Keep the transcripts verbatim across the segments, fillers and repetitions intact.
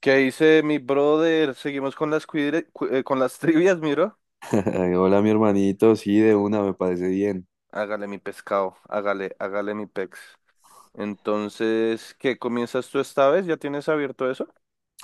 ¿Qué dice mi brother? Seguimos con las cuidre- cu- eh, con las trivias, miro. Ay, hola, mi hermanito. Sí, de una, me parece bien. Hágale mi pescado, hágale, hágale mi pex. Entonces, ¿qué comienzas tú esta vez? ¿Ya tienes abierto eso?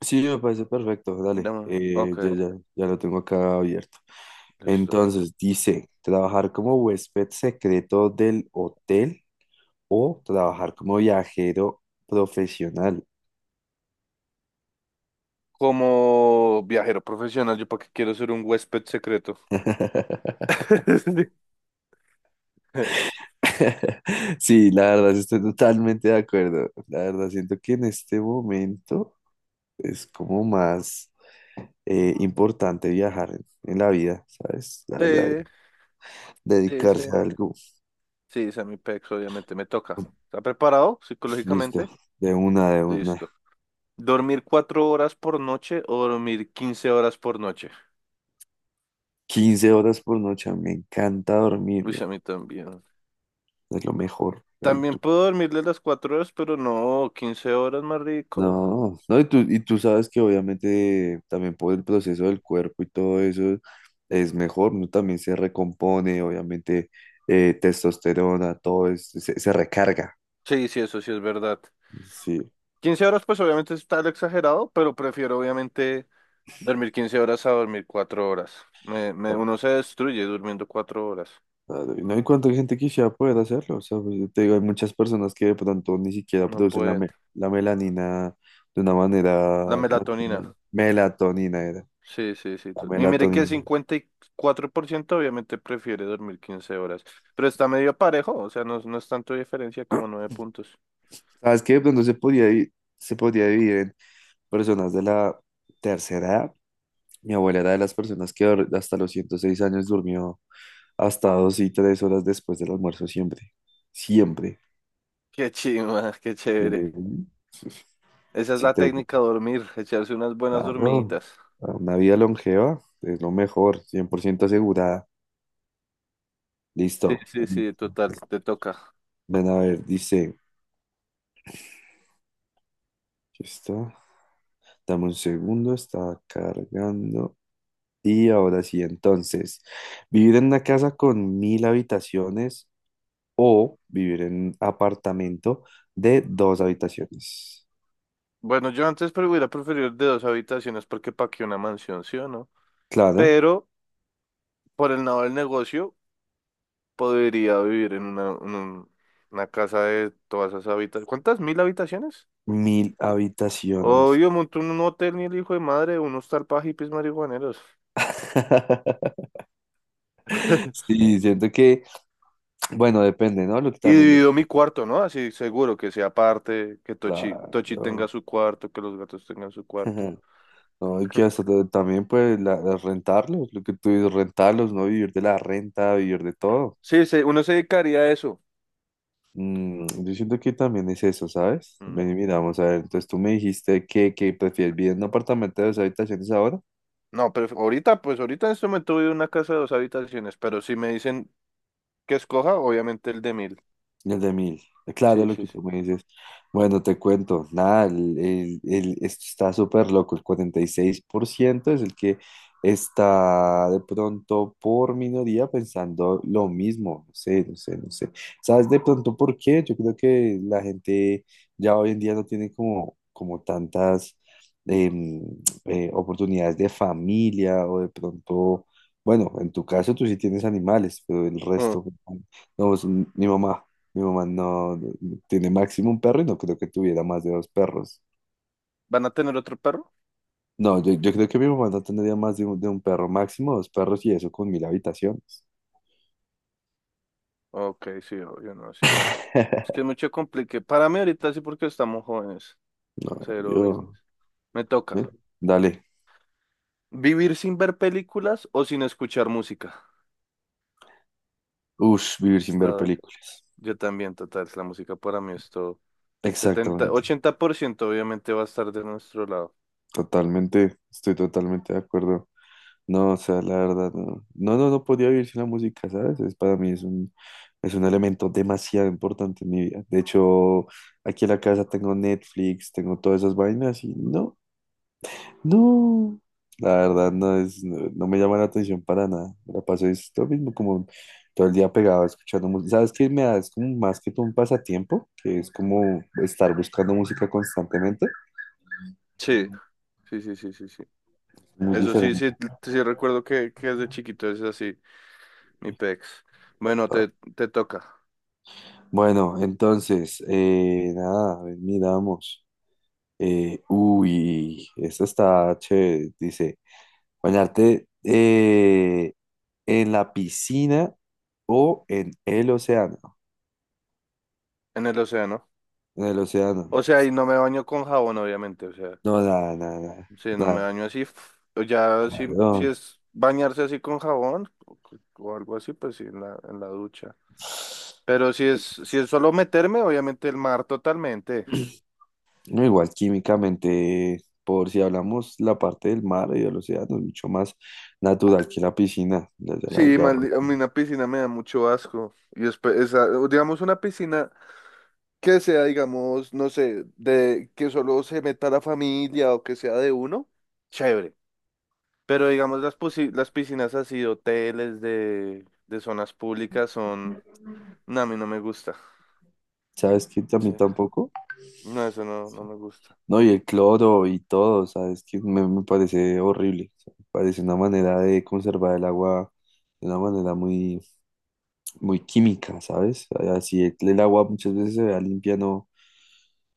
Sí, me parece perfecto. Dale, No, eh, ok, ya, ya, ya lo tengo acá abierto. listo. Entonces, dice, trabajar como huésped secreto del hotel o trabajar como viajero profesional. Como viajero profesional, yo para qué quiero ser un huésped secreto. Sí, la verdad, sí estoy totalmente de acuerdo. La verdad, siento que en este momento es como más eh, importante viajar en, en la vida, ¿sabes? La verdad, Sí, sí, sí. dedicarse a algo. Sí, esa es mi pex, obviamente me toca. ¿Está preparado Listo, psicológicamente? de una, de una. Listo. ¿Dormir cuatro horas por noche o dormir quince horas por noche? Quince horas por noche, me encanta dormir, Uy, sí, güey, a mí también. es lo mejor. Ay, También tú- puedo dormirle las cuatro horas, pero no, quince horas más rico. No, no, y tú, y tú sabes que obviamente también por el proceso del cuerpo y todo eso es mejor, ¿no? También se recompone, obviamente, eh, testosterona, todo eso, se, se recarga. Sí, sí, eso sí es verdad. Sí. Quince horas, pues obviamente está el exagerado, pero prefiero obviamente dormir quince horas a dormir cuatro horas. Me, me, uno se destruye durmiendo cuatro horas. Claro, y no hay cuánta gente quisiera poder hacerlo. O sea, pues, yo te digo, hay muchas personas que de pronto ni siquiera No producen la, pueden. me- la melanina de una manera La melatonina. natural. Melatonina era, Sí, sí, sí. la tú- Y mire que melatonina. cincuenta y cuatro por ciento obviamente prefiere dormir quince horas. Pero está medio parejo, o sea, no, no es tanto diferencia como nueve puntos. ¿Sabes qué? De pronto se podía, di- se podía dividir en personas de la tercera edad. Mi abuela era de las personas que dor- hasta los ciento seis años durmió hasta dos y tres horas después del almuerzo siempre. Siempre. Qué chima, qué Yo chévere. le- Esa es Se la te técnica, dormir, echarse unas buenas Claro, dormiditas. para una vida longeva es lo mejor, cien por ciento asegurada. Sí, Listo. sí, sí, total, Entonces, te toca. ven a ver, dice, aquí está, dame un segundo, está cargando. Y ahora sí, entonces, vivir en una casa con mil habitaciones o vivir en un apartamento de dos habitaciones. Bueno, yo antes pero hubiera preferido de dos habitaciones porque pa' qué una mansión, ¿sí o no? Claro, Pero por el lado del negocio podría vivir en una, en un- una casa de todas esas habitaciones. ¿Cuántas? ¿Mil habitaciones? mil habitaciones. Obvio, monto un hotel ni el hijo de madre, unos hostal para hippies marihuaneros. Sí, siento que, bueno, depende, ¿no? Lo que Y también, divido lo- mi cuarto, ¿no? Así seguro que sea aparte, que Tochi, Tochi tenga Claro. su cuarto, que los gatos tengan su cuarto. No, y que hasta ta- también pues la, la- rentarlos, lo que tú dices, rentarlos, no vivir de la renta, vivir de todo. Sí, se- uno se dedicaría a eso. Mm, yo siento que también es eso, ¿sabes? Mm, Ven y miramos a ver, entonces tú me dijiste que, que prefieres vivir en un apartamento de dos habitaciones ahora. no, pero ahorita, pues ahorita en este momento vivo en una casa de dos habitaciones, pero si me dicen que escoja, obviamente el de mil. El de mil. Claro, Sí, lo sí, que tú sí. me dices. Bueno, te cuento. Nada, el, el- el- esto está súper loco. El cuarenta y seis por ciento es el que está de pronto por minoría pensando lo mismo. No sé, no sé, no sé. ¿Sabes de pronto por qué? Yo creo que la gente ya hoy en día no tiene como, como tantas em, eh, oportunidades de familia o de pronto, bueno, en tu caso tú sí tienes animales, pero el Mm, resto, pues, no, es mi mamá. Mi mamá no no, no, tiene máximo un perro y no creo que tuviera más de dos perros. ¿van a tener otro perro? No, yo, yo creo que mi mamá no tendría más de un, de un perro, máximo dos perros y eso con mil habitaciones. Ok, sí, obvio, no, sí. Es que es mucho complique. Para mí ahorita sí porque estamos jóvenes. No, Cero yo, business. Me ¿eh? toca. Dale. ¿Vivir sin ver películas o sin escuchar música? Ush, vivir sin Está ver duro. película. Yo también, total. La música para mí es todo. Setenta Exactamente, ochenta por ciento obviamente va a estar de nuestro lado. totalmente, estoy totalmente de acuerdo. No, o sea, la verdad, no. No, no, no podía vivir sin la música, ¿sabes? Es, para mí es un, es un elemento demasiado importante en mi vida. De hecho, aquí en la casa tengo Netflix, tengo todas esas vainas y no, no, la verdad no es, no, no me llama la atención para nada. Me la paso es lo mismo, como todo el día pegado escuchando música. ¿Sabes qué me da? Es como más que todo un pasatiempo, que es como estar buscando música constantemente. Sí, sí, sí, sí, sí, sí. Muy Eso sí, diferente. sí, sí recuerdo que, que desde chiquito es así, mi pex. Bueno, te, te toca, Bueno, entonces, eh, nada, a ver, miramos. Eh, uy, esta está chévere. Dice, bañarte eh, en la piscina o en el océano. en el océano. En el O océano. sea, y no me baño con jabón, obviamente, o sea, No, nada, nada, nada, sí, no me nada, baño así. F- o Ya, claro. si, si No, es bañarse así con jabón o, o algo así, pues sí, en la, en la ducha. Pero si es, si es solo meterme, obviamente el mar totalmente. no, igual químicamente, por si hablamos la parte del mar y del océano, es mucho más natural que la piscina. la- la- la- Sí, Ya. mal- a mí una piscina me da mucho asco. Y después, esa- digamos, una piscina que sea, digamos, no sé, de que solo se meta la familia o que sea de uno, chévere. Pero digamos, las, posi- las piscinas así, de hoteles de, de zonas públicas son... No, a mí no me gusta. ¿Sabes qué? A Sí. mí tampoco. No, eso no, no Sí. me gusta. No, y el cloro y todo, ¿sabes? Que me, me parece horrible. O sea, me parece una manera de conservar el agua de una manera muy, muy química, ¿sabes? Así el, el agua muchas veces se vea limpia, no,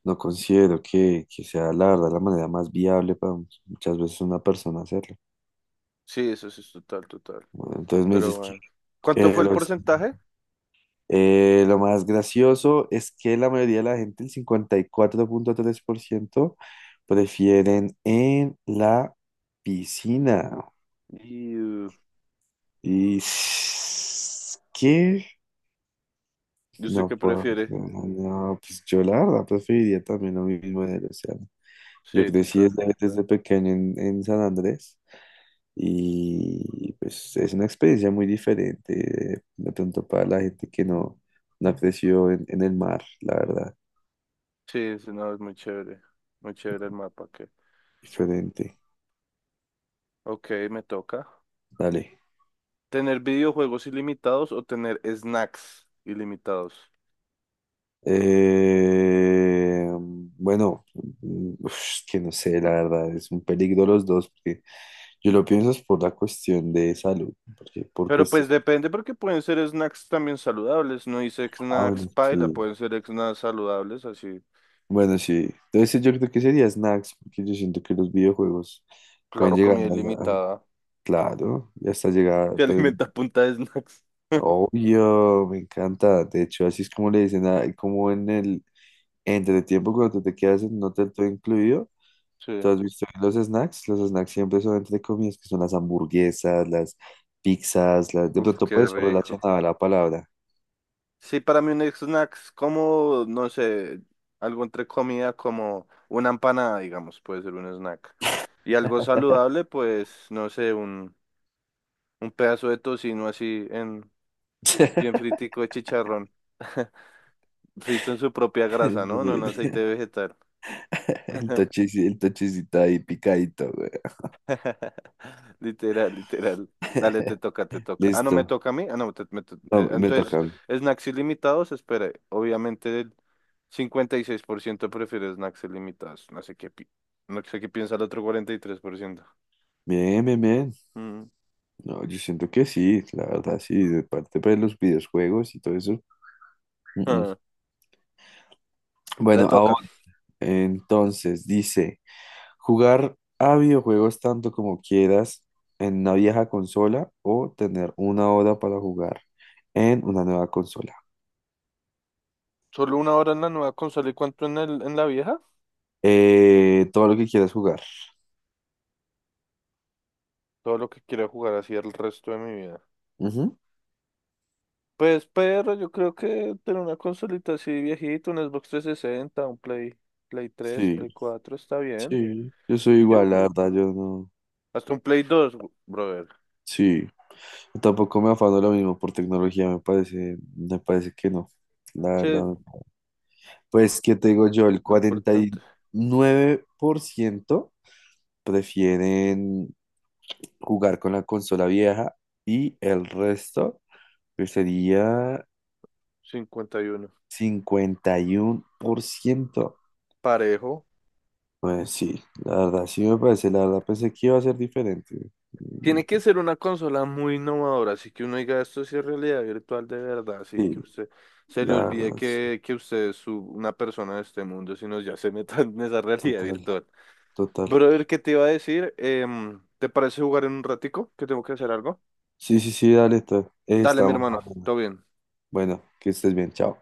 no considero que, que sea la verdad la manera más viable para muchas veces una persona hacerlo. Sí, eso sí es total, total. Bueno, entonces me Pero dices que bueno. ¿Cuánto eh, fue el los- porcentaje? eh, lo más gracioso es que la mayoría de la gente, el cincuenta y cuatro punto tres por ciento prefieren en la piscina. Y uh, ¿Y s- qué? yo sé No que puedo. prefiere. No, no, pues yo la verdad preferiría también lo mismo en el océano. Yo Sí, crecí total. desde, desde pequeño en, en San Andrés. Y pues es una experiencia muy diferente, de pronto para la gente que no, no creció en, en el mar, la verdad, Sí, sí, no, es muy chévere. Muy chévere el mapa. Que diferente. ok, me toca. Dale. ¿Tener videojuegos ilimitados o tener snacks ilimitados? Eh, bueno, mm, uf, que no sé, la verdad, es un peligro los dos, porque yo lo pienso es por la cuestión de salud, porque por Pero pues cuestión... depende porque pueden ser snacks también saludables. No dice Ah, snacks bueno, paila, sí. pueden ser snacks saludables, así. Bueno, sí. Entonces yo creo que sería snacks, porque yo siento que los videojuegos pueden Claro, llegar comida a... a- ilimitada. Claro, ya está llegada. Se alimenta a punta de snacks. Obvio, me encanta. De hecho, así es como le dicen, a- como en el entretiempo cuando te quedas en un hotel todo incluido. Sí. ¿Tú has visto los snacks? Los snacks siempre son entre comidas, que son las hamburguesas, las pizzas, las... de Uf, pronto qué puede ser rico. relacionada a la palabra. Sí, para mí un snack es como, no sé, algo entre comida como una empanada, digamos, puede ser un snack. Y algo saludable, pues, no sé, un, un pedazo de tocino así en, bien fritico de chicharrón. Frito en su propia grasa, ¿no? No en El aceite vegetal. tochis- el tochicito ahí picadito, güey. Literal, literal. Dale, te toca, te toca. Ah, no me Listo. toca a mí. Ah, no, te- me to- No, eh, me entonces, toca a mí. snacks ilimitados, espere. Obviamente el cincuenta y seis por ciento prefiere snacks ilimitados. No sé qué, pi- no sé qué piensa el otro cuarenta y tres por ciento. Bien, bien, bien. Mm. No, yo siento que sí, la verdad, sí, de parte pues, de los videojuegos y todo eso. Mm, mm. Ah, le Bueno, ahora... toca. Entonces, dice, jugar a videojuegos tanto como quieras en una vieja consola o tener una hora para jugar en una nueva consola. Solo una hora en la nueva consola y cuánto en el, en la vieja. Eh, todo lo que quieras jugar. Todo lo que quiero jugar así el resto de mi vida. Ujú. Pues perro, yo creo que tener una consolita así viejita, un Xbox trescientos sesenta, un Play, Play tres, Sí, Play cuatro, está bien. sí, yo soy Yo, igual, la verdad, yo no. hasta un Play dos, brother. Sí, yo tampoco me afano lo mismo por tecnología, me parece, me parece que no, la Sí, verdad. No. Pues, ¿qué te digo yo? El lo cuarenta y importante, nueve por ciento prefieren jugar con la consola vieja y el resto que sería cincuenta y uno. cincuenta y uno por ciento. Parejo. Pues sí, la verdad, sí me parece, la verdad pensé que iba a ser diferente. Mm, Tiene que ser una consola muy innovadora, así que uno diga esto sí es realidad virtual de verdad, así que sí, usted se la le olvide verdad, sí, que, que usted es su- una persona de este mundo, sino ya se meta en esa realidad total, virtual. total. Brother, ¿qué te iba a decir? Em, ¿te parece jugar en un ratico? Que tengo que hacer algo. Sí, sí, sí, dale, to- Dale, mi estamos hermano, hablando. todo bien. Bueno, que estés bien, chao.